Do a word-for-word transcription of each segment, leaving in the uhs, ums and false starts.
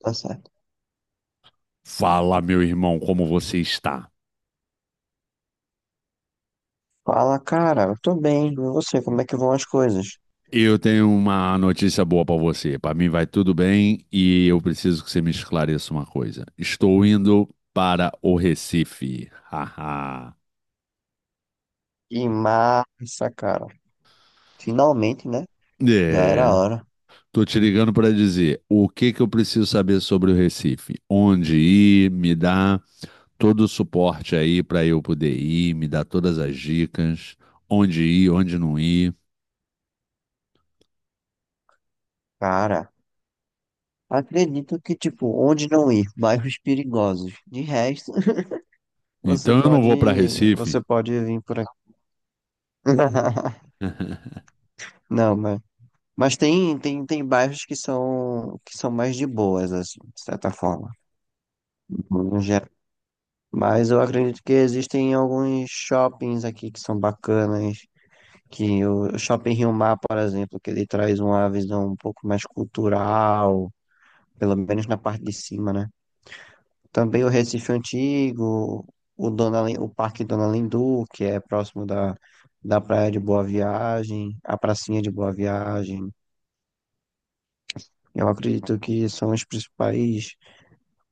Tá certo. Fala, meu irmão, como você está? Fala, cara, eu tô bem. E você, como é que vão as coisas? Eu tenho uma notícia boa para você. Para mim vai tudo bem e eu preciso que você me esclareça uma coisa. Estou indo para o Recife. Haha. Que massa, cara. Finalmente, né? Já era É. hora. Tô te ligando para dizer o que que eu preciso saber sobre o Recife. Onde ir, me dá todo o suporte aí para eu poder ir, me dá todas as dicas, onde ir, onde não ir. Cara, acredito que, tipo, onde não ir? Bairros perigosos. De resto, você Então eu não pode, vou para Recife. você pode vir por aqui. Não, mas Mas tem, tem, tem bairros que são, que são mais de boas, assim, de certa forma, no geral. Mas eu acredito que existem alguns shoppings aqui que são bacanas, que o o Shopping Rio Mar, por exemplo, que ele traz uma visão um pouco mais cultural, pelo menos na parte de cima, né? Também o Recife Antigo, o, Dona, Lin- o Parque Dona Lindu, que é próximo da, da Praia de Boa Viagem, a Pracinha de Boa Viagem. Eu acredito que são os principais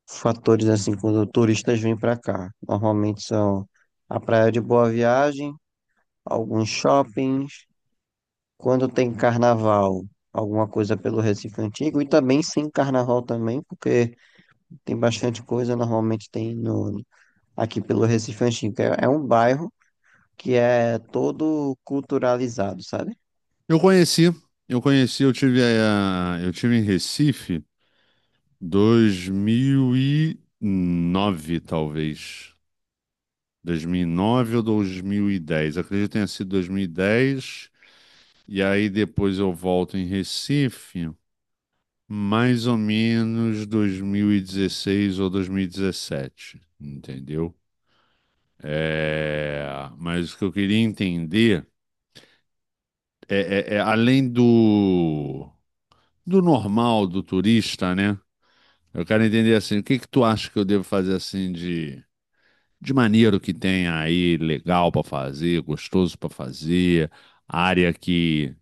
fatores assim quando turistas vêm para cá. Normalmente são a Praia de Boa Viagem, alguns shoppings, quando tem carnaval, alguma coisa pelo Recife Antigo, e também sem carnaval também, porque tem bastante coisa, normalmente tem no, aqui pelo Recife Antigo. É, é um bairro que é todo culturalizado, sabe? Eu conheci, eu conheci, eu tive, a, eu tive em Recife dois mil e nove talvez. Dois mil e nove ou dois mil e dez. Acredito que tenha sido dois mil E dez. E aí depois eu volto em Recife, mais ou menos dois mil e dezesseis ou dois mil e dezessete, entendeu? É, mas o que eu queria entender é, é é além do, do normal do turista, né? Eu quero entender assim, o que que tu acha que eu devo fazer assim de, de maneiro que tem aí, legal pra fazer, gostoso pra fazer, área que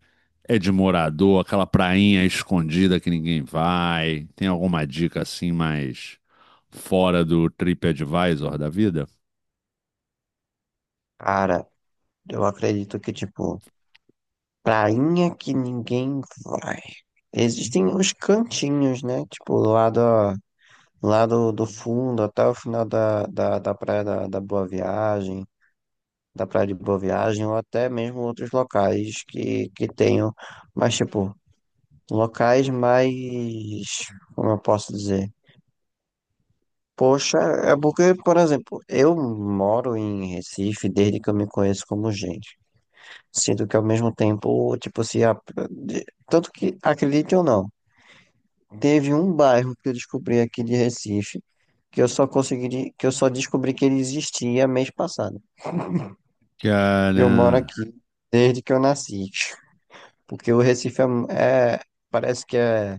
é de morador, aquela prainha escondida que ninguém vai. Tem alguma dica assim mais fora do TripAdvisor da vida? Cara, eu acredito que tipo prainha que ninguém vai. Existem os cantinhos, né? Tipo, do lado lá do, do fundo até o final da, da, da Praia da, da Boa Viagem, da Praia de Boa Viagem, ou até mesmo outros locais que, que tenham, mas tipo, locais mais, como eu posso dizer? Poxa, é porque, por exemplo, eu moro em Recife desde que eu me conheço como gente. Sinto que ao mesmo tempo, tipo, se. A- de- tanto que, acredite ou não, teve um bairro que eu descobri aqui de Recife, que eu só consegui, de- que eu só descobri que ele existia mês passado. E Cara. eu moro aqui desde que eu nasci. Porque o Recife é, mu- é- parece que é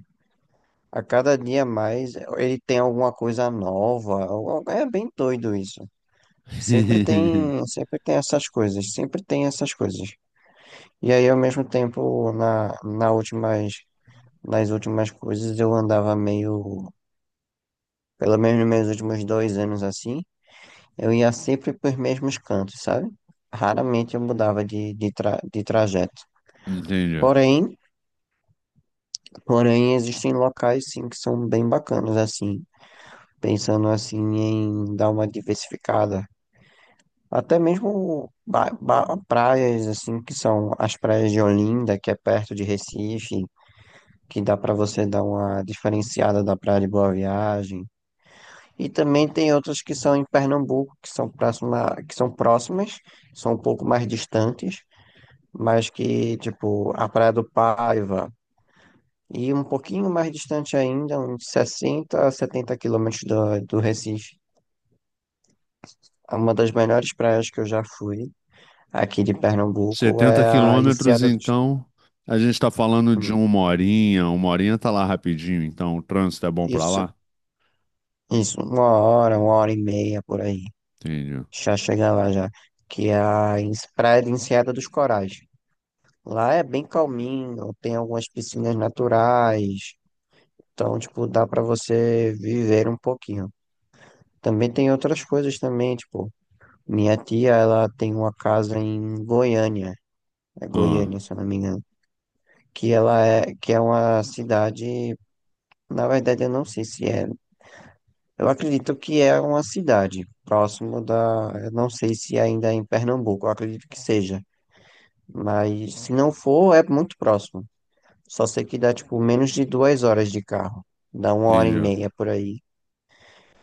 a cada dia mais, ele tem alguma coisa nova. algo- É bem doido isso. Sempre tem, sempre tem essas coisas, sempre tem essas coisas. E aí, ao mesmo tempo, na, na últimas, nas últimas coisas, eu andava meio, pelo menos nos meus últimos dois anos assim. Eu ia sempre para os mesmos cantos, sabe? Raramente eu mudava de, de, tra de trajeto. Entendi. Porém, porém, existem locais sim que são bem bacanas, assim, pensando assim em dar uma diversificada. Até mesmo ba- ba- praias, assim, que são as praias de Olinda, que é perto de Recife, que dá para você dar uma diferenciada da Praia de Boa Viagem. E também tem outras que são em Pernambuco, que são próxima, que são próximas, são um pouco mais distantes, mas que, tipo, a Praia do Paiva, e um pouquinho mais distante ainda, uns sessenta a setenta quilômetros do, do Recife, é uma das melhores praias que eu já fui aqui de Pernambuco, Setenta é a quilômetros, Enseada dos... então, a gente tá falando de hum, uma horinha, uma horinha tá lá rapidinho, então o trânsito é bom pra Isso, lá? isso, uma hora, uma hora e meia por aí, Entendi. já chega lá já, que é a Ens- Praia de Enseada dos Corais. Lá é bem calminho, tem algumas piscinas naturais, então, tipo, dá pra você viver um pouquinho. Também tem outras coisas também, tipo, minha tia, ela tem uma casa em Goiânia, é Ah, Goiânia, se eu não me engano, que ela é, que é uma cidade, na verdade eu não sei se é, eu acredito que é uma cidade próximo da, eu não sei se ainda é em Pernambuco, eu acredito que seja, mas se não for, é muito próximo. Só sei que dá, tipo, menos de duas horas de carro, dá uma hora e entendi. meia por aí.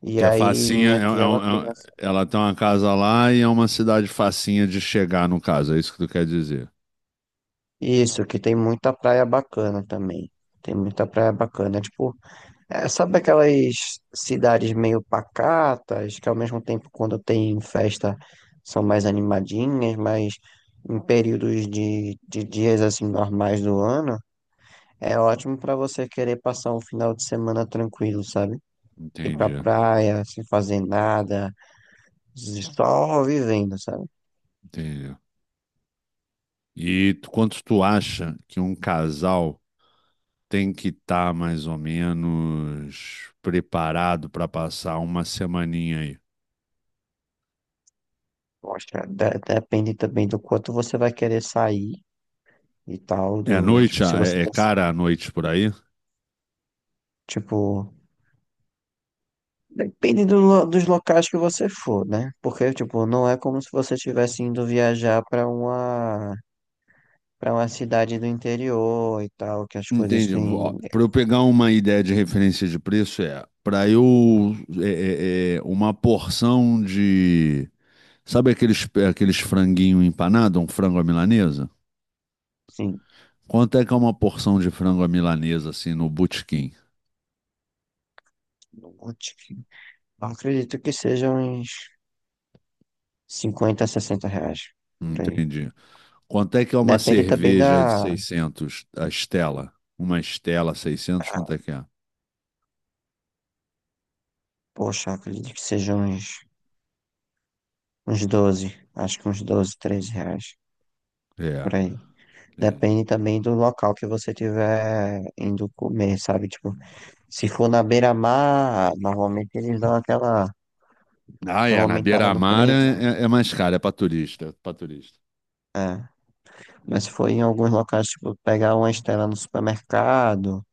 E Que a aí facinha, minha é, é um- tia, ela é tem um- ela tem uma casa lá e é uma cidade facinha de chegar, no caso, é isso que tu quer dizer. isso, que tem muita praia bacana também. Tem muita praia bacana. Tipo, é, sabe aquelas cidades meio pacatas, que ao mesmo tempo, quando tem festa, são mais animadinhas, mas em períodos de, de dias assim normais do ano, é ótimo pra você querer passar um final de semana tranquilo, sabe? Ir pra Entendi, praia, sem fazer nada, só vivendo, sabe? entendi. E tu- quanto tu acha que um casal tem que estar mais ou menos preparado para passar uma semaninha aí? Eu acho que de- depende também do quanto você vai querer sair e tal, É à do, noite? tipo, se Ah, você, É, é cons- cara à noite por aí? tipo, depende do lo- dos locais que você for, né? Porque, tipo, não é como se você estivesse indo viajar para uma, para uma cidade do interior e tal, que as coisas Entendi. têm, Para eu pegar uma ideia de referência de preço, é para eu é, é, é, uma porção de. Sabe aqueles, aqueles franguinho empanado, um frango à milanesa? assim, Quanto é que é uma porção de frango à milanesa, assim, no botequim? eu te- eu acredito que sejam uns cinquenta, sessenta reais, por aí. Entendi. Quanto é que é uma Depende também cerveja de da, seiscentos a Stella? Uma Stella seiscentos. Quanto é que é? poxa, eu acredito que sejam uns, uns doze, acho que uns doze, treze reais, É. por aí. Entendi. Depende também do local que você tiver indo comer, sabe? Tipo, se for na beira-mar, normalmente eles dão aquela, Ah, aquela é, na aumentada no beira-mar preço. é, é- é mais caro, é para turista, para turista. É. Mas se for em alguns locais, tipo, pegar uma estela no supermercado,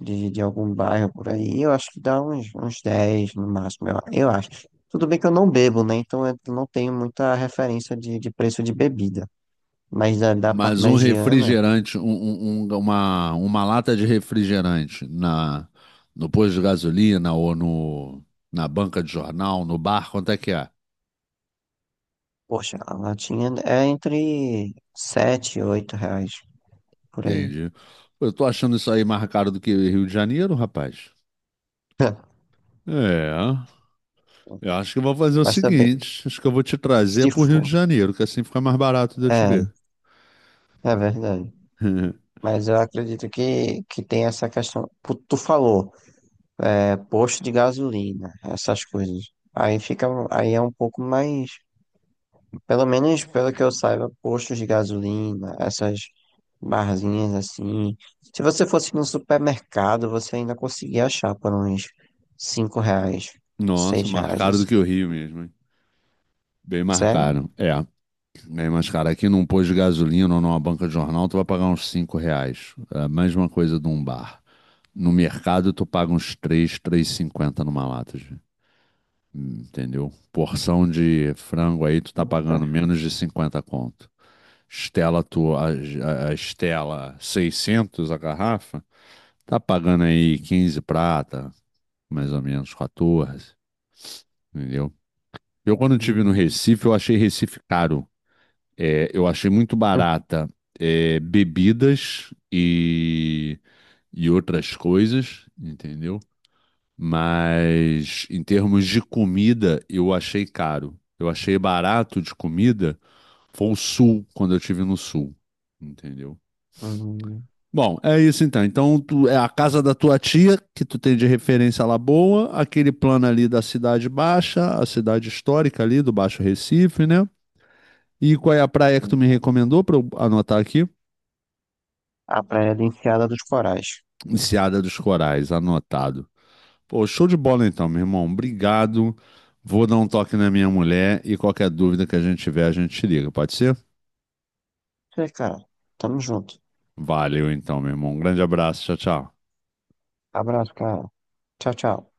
de, de algum bairro por aí, eu acho que dá uns, uns dez no máximo, eu, eu acho. Tudo bem que eu não bebo, né? Então eu não tenho muita referência de, de preço de bebida. Mas da, da Mas um parmegiana, refrigerante, um- um- um- uma, uma lata de refrigerante na, no posto de gasolina ou no, na banca de jornal, no bar, quanto é que é? poxa, a latinha é entre sete, e oito reais por aí. Entendi. Pô, eu tô achando isso aí mais caro do que Rio de Janeiro, rapaz. É, eu acho que eu vou fazer o Mas também, seguinte, acho que eu vou te trazer se pro Rio de for. Janeiro, que assim fica mais barato de eu te ver. É, é verdade. Mas eu acredito que, que tem essa questão. Tu tu falou, é posto de gasolina, essas coisas. Aí fica, aí é um pouco mais, pelo menos pelo que eu saiba, postos de gasolina, essas barzinhas assim. Se você fosse num supermercado, você ainda conseguia achar por uns cinco reais, Nossa, seis mais reais, caro do assim. que o Rio mesmo, hein? Bem mais Sério? caro. É, bem mais caro. Aqui num posto de gasolina ou numa banca de jornal, tu vai pagar uns cinco reais. É a mesma coisa de um bar. No mercado, tu paga uns três e cinquenta numa lata, de- entendeu? Porção de frango aí, tu tá pagando menos de cinquenta conto. Stella, tu, a, a a Stella seiscentos, a garrafa, tá pagando aí quinze prata, mais ou menos quatorze, entendeu? Eu, quando estive no Hum. Recife, eu achei Recife caro. É, eu achei muito barata, é, bebidas e, e outras coisas, entendeu? Mas em termos de comida, eu achei caro. Eu achei barato de comida, foi o sul, quando eu estive no sul, entendeu? Hum. Bom, é isso então. Então, tu- é a casa da tua tia, que tu tem de referência lá boa, aquele plano ali da Cidade Baixa, a cidade histórica ali do Baixo Recife, né? E qual é a praia que tu me recomendou para eu anotar aqui? À Praia de Enseada dos Corais. Enseada dos Corais, anotado. Pô, show de bola então, meu irmão. Obrigado. Vou dar um toque na minha mulher e qualquer dúvida que a gente tiver, a gente te liga, pode ser? É, cara. Tamo junto. Valeu então, meu irmão. Um grande abraço. Tchau, tchau. Abraço, cara. Tchau, tchau.